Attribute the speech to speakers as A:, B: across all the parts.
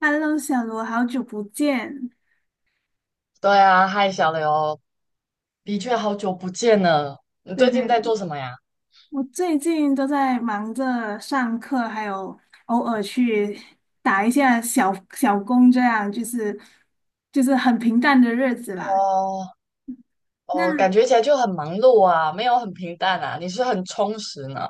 A: Hello，小罗，好久不见。
B: 对啊，嗨，小刘，的确好久不见了。你
A: 对
B: 最近
A: 对，
B: 在做什么呀？
A: 我最近都在忙着上课，还有偶尔去打一下小小工，这样就是很平淡的日子啦。
B: 哦
A: 那
B: 哦，感觉起来就很忙碌啊，没有很平淡啊。你是很充实呢。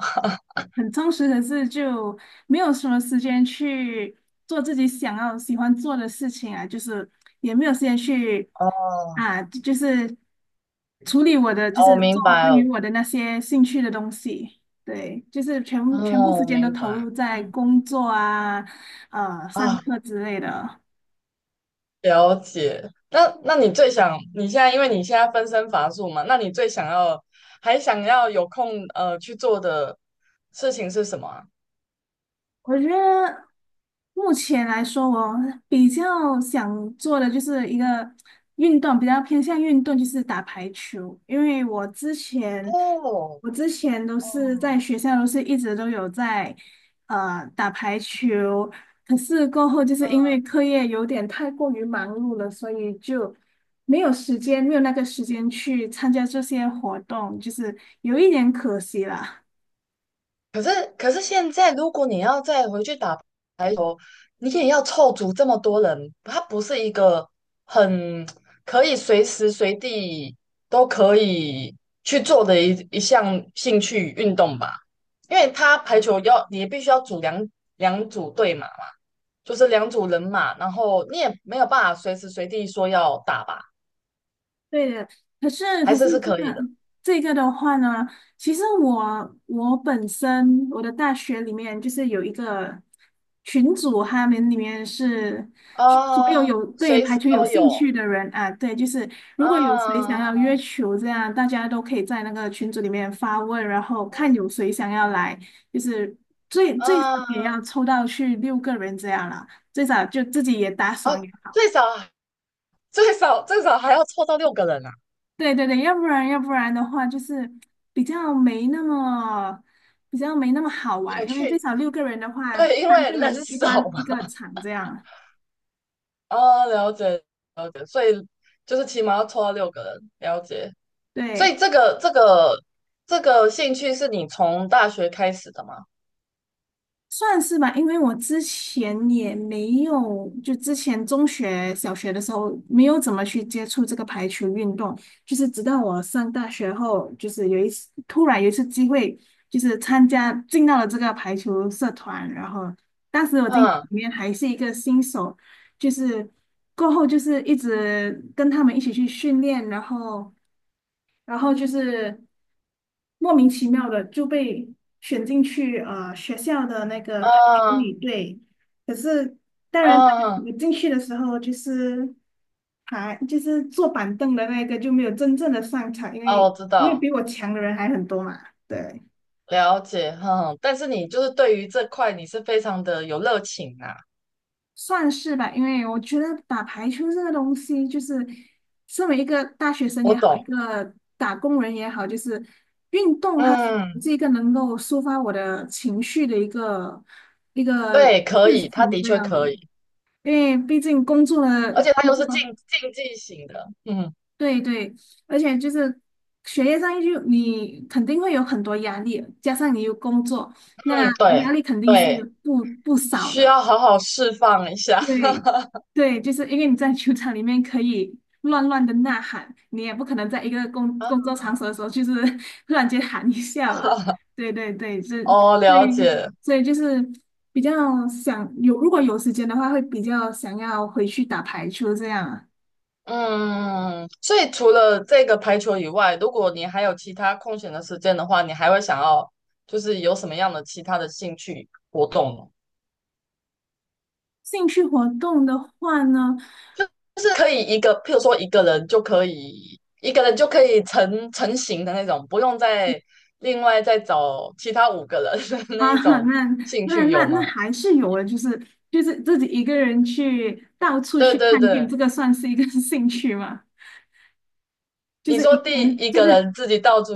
A: 很充实，可是就没有什么时间去做自己想要喜欢做的事情啊，就是也没有时间去
B: 哦
A: 啊，就是处理我的，就
B: 哦，
A: 是
B: 我
A: 做
B: 明白
A: 关于
B: 了。
A: 我的那些兴趣的东西。对，就是全部
B: 哦，
A: 时
B: 我
A: 间都
B: 明
A: 投入
B: 白。
A: 在
B: 嗯
A: 工作啊、上
B: 啊，
A: 课之类的。
B: 了解。那你最想你现在，因为你现在分身乏术嘛，那你最想要还想要有空去做的事情是什么啊
A: 我觉得目前来说，我比较想做的就是一个运动，比较偏向运动，就是打排球。因为我之前，
B: 哦
A: 我之前都是
B: 哦，
A: 在学校，都是一直都有在打排球。可是过后，就是因为
B: 嗯。
A: 课业有点太过于忙碌了，所以就没有那个时间去参加这些活动，就是有一点可惜了。
B: 可是，可是现在，如果你要再回去打你也要凑足这么多人，它不是一个很可以随时随地都可以去做的一项兴趣运动吧？因为它排球要你必须要组两组队嘛，就是两组人嘛，然后你也没有办法随时随地说要打吧，
A: 对的，可是
B: 还
A: 可是
B: 是是
A: 真
B: 可以
A: 的，
B: 的
A: 这个的话呢，其实我本身我的大学里面就是有一个群组，他们里面是所有
B: 啊，
A: 有对
B: 随
A: 排
B: 时
A: 球有
B: 都有
A: 兴趣的人啊，对，就是如果有谁想要
B: 啊
A: 约球这样，大家都可以在那个群组里面发问，然后看有谁想要来，就是最少
B: 啊
A: 也要抽到去六个人这样啦，最少就自己也打
B: 啊，
A: 爽也好。
B: 最少最少最少还要凑到六个人啊，
A: 对对对，要不然的话，就是比较没那么比较没那么好
B: 有
A: 玩，因为最
B: 趣。
A: 少六个人的话，
B: 对，因
A: 三
B: 为
A: 个
B: 人
A: 人一
B: 少
A: 般
B: 嘛。
A: 一个场这样。
B: 啊，了解，就是起码要凑到六个人，了解。所
A: 对，
B: 以这个这个兴趣是你从大学开始的吗？
A: 算是吧，因为我之前也没有，就之前中学、小学的时候没有怎么去接触这个排球运动，就是直到我上大学后，就是有一次突然有一次机会，就是参加进到了这个排球社团，然后当时我进去
B: 嗯
A: 里面还是一个新手，就是过后就是一直跟他们一起去训练，然后就是。莫名其妙的就被选进去学校的那个排球
B: 嗯
A: 女队。可是当然，
B: 嗯，
A: 我进去的时候就是还就是坐板凳的那个就没有真正的上场，因
B: 哦，
A: 为
B: 我知
A: 因为
B: 道，
A: 比我强的人还很多嘛。对，
B: 了解，嗯。但是你就是对于这块你是非常的有热情啊，
A: 算是吧，因为我觉得打排球这个东西，就是身为一个大学生
B: 我
A: 也好，一
B: 懂。
A: 个打工人也好，就是运动它
B: 嗯，
A: 是一个能够抒发我的情绪的一个
B: 对，可
A: 事
B: 以，他
A: 情
B: 的
A: 这
B: 确
A: 样的。
B: 可以，
A: 因为毕竟工作了，
B: 而且他又是竞技型的，嗯
A: 对对，而且就是学业上就你肯定会有很多压力，加上你有工作，那
B: 嗯，对
A: 压力肯定是
B: 对，
A: 不少
B: 需
A: 的。
B: 要好好释放一下。
A: 对，对，就是因为你在球场里面可以乱乱的呐喊，你也不可能在一个工作 场所的时候，就是 突然间喊一下吧。对对对，是，
B: 哦，了
A: 对，
B: 解。
A: 所以就是比较想有，如果有时间的话，会比较想要回去打排球这样啊。
B: 嗯，所以除了这个排球以外，如果你还有其他空闲的时间的话，你还会想要就是有什么样的其他的兴趣活动呢？
A: 兴趣活动的话呢，
B: 就是可以一个，譬如说一个人就可以成型的那种，不用再另外再找其他五个人的 那
A: 啊，
B: 一种
A: 那
B: 兴
A: 那
B: 趣
A: 那
B: 有
A: 那
B: 吗？
A: 还是有的，就是自己一个人去到处去
B: 对对
A: 看店，
B: 对，
A: 这个算是一个 兴趣吗？就
B: 你
A: 是
B: 说
A: 一个
B: 第
A: 人，
B: 一个人自己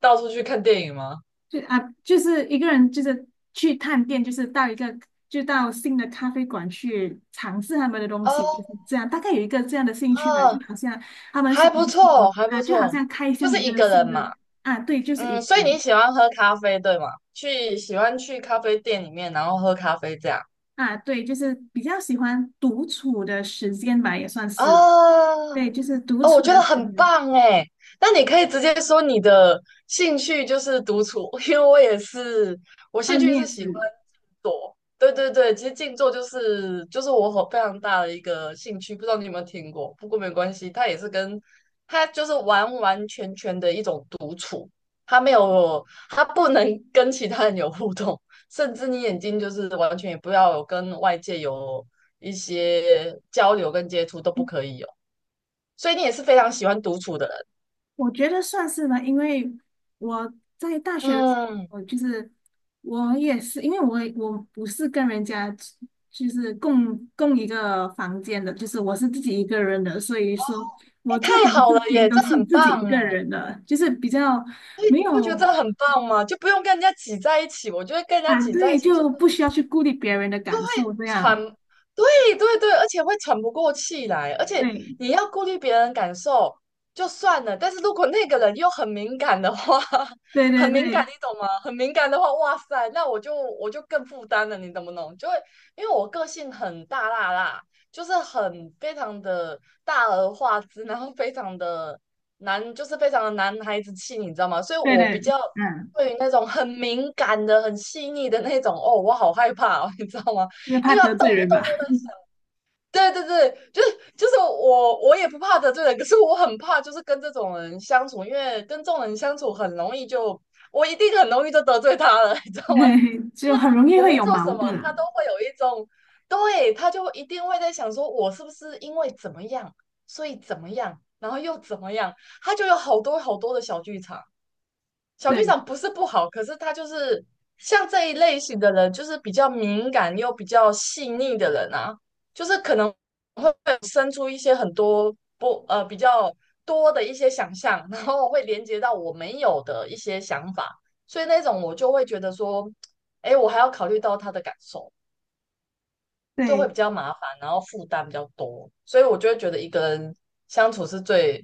B: 到处去看电影吗？
A: 就是去探店，就是到一个就到新的咖啡馆去尝试他们的东西，就是
B: 哦
A: 这样。大概有一个这样的兴趣吧，就
B: 哦，
A: 好像他们小
B: 还不
A: 红
B: 错，
A: 书
B: 还不
A: 啊，就好
B: 错，
A: 像开
B: 就
A: 箱一
B: 是一
A: 个
B: 个
A: 新
B: 人
A: 的
B: 嘛。
A: 啊，对，就是一
B: 嗯，
A: 个
B: 所以你
A: 人
B: 喜欢喝咖啡，对吗？去喜欢去咖啡店里面，然后喝咖啡这样
A: 啊，对，就是比较喜欢独处的时间吧，也算是
B: 啊？
A: 对，就是独
B: 哦，
A: 处
B: 我
A: 的
B: 觉得
A: 时
B: 很
A: 间。
B: 棒哎。那你可以直接说你的兴趣就是独处，因为我也是，我
A: 啊，
B: 兴
A: 你
B: 趣是
A: 也
B: 喜欢
A: 是。
B: 静坐。对对对，其实静坐就是我很非常大的一个兴趣，不知道你有没有听过？不过没关系，它也是跟它就是完完全全的一种独处，它没有它不能跟其他人有互动，甚至你眼睛就是完全也不要有跟外界有一些交流跟接触都不可以哦。所以你也是非常喜欢独处的人。
A: 我觉得算是吧，因为我在大学的时
B: 嗯，
A: 候，就是我也是，因为我不是跟人家就是共一个房间的，就是我是自己一个人的，所以说
B: 哎，
A: 我做什
B: 太
A: 么
B: 好
A: 事
B: 了
A: 情
B: 耶，
A: 都
B: 这
A: 是
B: 很
A: 自
B: 棒
A: 己一个
B: 哎。
A: 人的，就是比较
B: 所以
A: 没
B: 你不觉得
A: 有
B: 这很棒吗？就不用跟人家挤在一起，我觉得跟人家
A: 啊，
B: 挤在
A: 对，
B: 一起
A: 就不需要去顾虑别人的感受，这
B: 喘，
A: 样，
B: 对对对，而且会喘不过气来，而且
A: 对，
B: 你要顾虑别人感受就算了，但是如果那个人又很敏感的话，
A: 对
B: 很
A: 对
B: 敏感，
A: 对
B: 你懂吗？很敏感的话，哇塞，那我就我就更负担了，你懂不懂？就会因为我个性很大辣辣，就是很非常的大而化之，然后非常的男，就是非常的男孩子气，你知道吗？所以
A: 对
B: 我
A: 对，
B: 比较。
A: 嗯，
B: 对于那种很敏感的、很细腻的那种，哦，我好害怕哦，你知道吗？
A: 因为怕
B: 因为他
A: 得
B: 动
A: 罪
B: 不动
A: 人吧，
B: 都在，对对对，就是我也不怕得罪人，可是我很怕就是跟这种人相处，因为跟这种人相处很容易就我一定很容易就得罪他了，你知 道吗？
A: 对，就很容易
B: 我没
A: 会有
B: 做什
A: 矛
B: 么，
A: 盾
B: 他
A: 啊，
B: 都会有一种，对，他就一定会在想说我是不是因为怎么样，所以怎么样，然后又怎么样，他就有好多好多的小剧场。小剧
A: 对
B: 场不是不好，可是他就是像这一类型的人，就是比较敏感又比较细腻的人啊，就是可能会生出一些很多不呃比较多的一些想象，然后会连接到我没有的一些想法，所以那种我就会觉得说，哎，我还要考虑到他的感受，就会
A: 对。
B: 比较麻烦，然后负担比较多，所以我就会觉得一个人相处是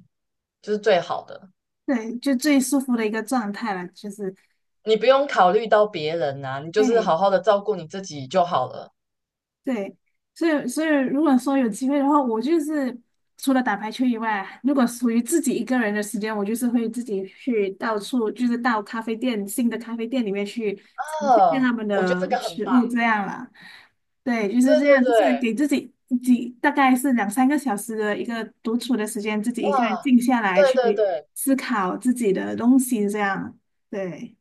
B: 就是最好的。
A: 对，就最舒服的一个状态了，就是，
B: 你不用考虑到别人啊，你就是
A: 哎，
B: 好好的照顾你自己就好了。
A: 对，所以如果说有机会的话，我就是除了打排球以外，如果属于自己一个人的时间，我就是会自己去到处，就是到咖啡店，新的咖啡店里面去尝试一下
B: 啊，
A: 他们
B: 我觉得这
A: 的
B: 个很
A: 食
B: 棒。
A: 物这样啦。对，就是
B: 对
A: 这
B: 对
A: 样，就是
B: 对，
A: 给自己大概是两三个小时的一个独处的时间，自己一个人
B: 哇，
A: 静下来
B: 对对
A: 去
B: 对，
A: 思考自己的东西这样，对。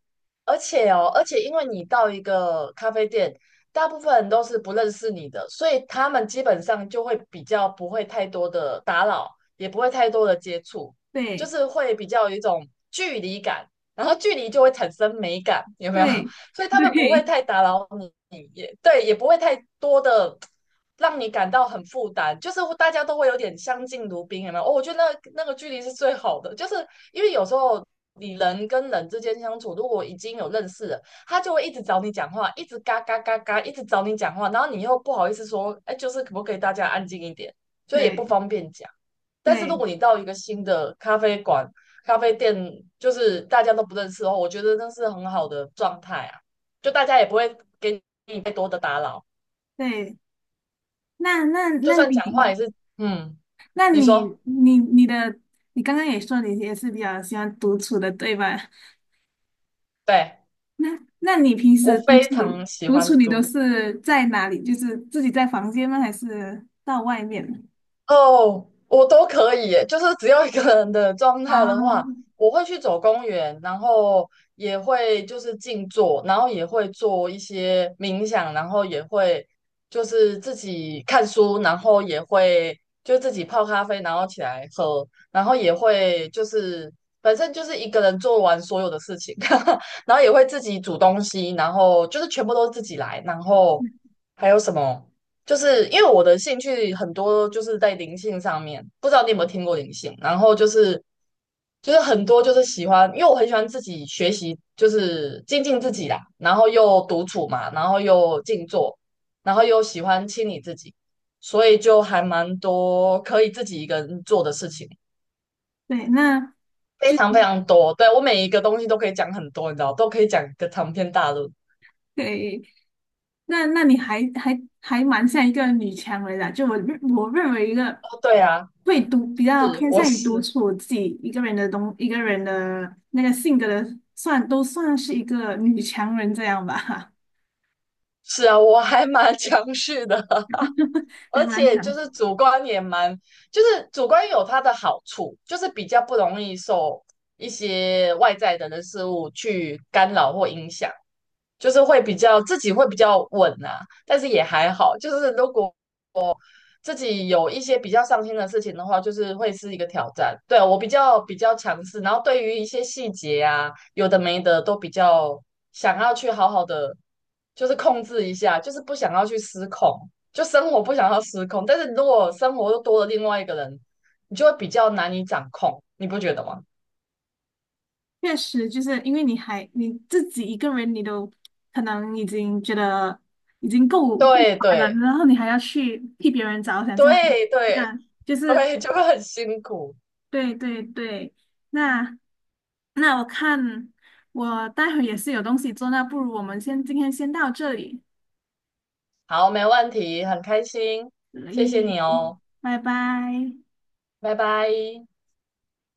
B: 而且哦，而且因为你到一个咖啡店，大部分人都是不认识你的，所以他们基本上就会比较不会太多的打扰，也不会太多的接触，就
A: 对，
B: 是会比较有一种距离感，然后距离就会产生美感，有没有？
A: 对
B: 所以他 们不会
A: 对
B: 太打扰你，也对，也不会太多的让你感到很负担，就是大家都会有点相敬如宾，有没有哦，我觉得那个距离是最好的，就是因为有时候你人跟人之间相处，如果已经有认识了，他就会一直找你讲话，一直嘎嘎嘎嘎，一直找你讲话，然后你又不好意思说，哎，就是可不可以大家安静一点，就也不
A: 对
B: 方便讲。但是如
A: 对
B: 果你到一个新的咖啡馆，咖啡店就是大家都不认识的话，我觉得那是很好的状态啊。就大家也不会给你太多的打扰，
A: 对，那那
B: 就
A: 那
B: 算讲话
A: 你
B: 也是，嗯，
A: 那
B: 你说，
A: 你你你的你刚刚也说你也是比较喜欢独处的，对吧？
B: 对，
A: 那你平
B: 我
A: 时独
B: 非
A: 处
B: 常喜
A: 独
B: 欢
A: 处你都
B: 读。
A: 是在哪里？就是自己在房间吗？还是到外面？
B: 哦，我都可以耶，就是只要一个人的状态的
A: 啊，
B: 话，我会去走公园，然后也会就是静坐，然后也会做一些冥想，然后也会就是自己看书，然后也会就自己泡咖啡，然后起来喝，然后也会就是反正就是一个人做完所有的事情，然后也会自己煮东西，然后就是全部都是自己来，然后还有什么？就是因为我的兴趣很多，就是在灵性上面，不知道你有没有听过灵性？然后就是就是很多就是喜欢，因为我很喜欢自己学习，就是精进自己啦，然后又独处嘛，然后又静坐，然后又喜欢清理自己，所以就还蛮多可以自己一个人做的事情，
A: 对，那
B: 非
A: 就
B: 常非常多。对，我每一个东西都可以讲很多，你知道，都可以讲个长篇大论。
A: 对，那你还蛮像一个女强人的，就我认为一个
B: 哦，对啊，
A: 比较
B: 是，
A: 偏
B: 我
A: 向于独
B: 是
A: 处自己一个人的那个性格的，算是一个女强人这样吧，
B: 是啊，我还蛮 强势的。
A: 还
B: 而
A: 蛮
B: 且
A: 强
B: 就
A: 势
B: 是主观也蛮，就是主观有它的好处，就是比较不容易受一些外在的人事物去干扰或影响，就是会比较自己会比较稳啊。但是也还好，就是如果自己有一些比较上心的事情的话，就是会是一个挑战。对，我比较比较强势，然后对于一些细节啊，有的没的都比较想要去好好的，就是控制一下，就是不想要去失控，就生活不想要失控。但是如果生活又多了另外一个人，你就会比较难以掌控，你不觉得吗？
A: 确实，就是因为你还你自己一个人，你都可能已经觉得已经够
B: 对
A: 烦了，
B: 对
A: 然后你还要去替别人着想，这样
B: 对
A: 这
B: 对
A: 样就是。
B: 对，就会很辛苦。
A: 对对对，那那我看我待会儿也是有东西做，那不如我们先今天先到这里，
B: 好，没问题，很开心，
A: 所
B: 谢谢你
A: 以
B: 哦，
A: 拜拜。
B: 拜拜。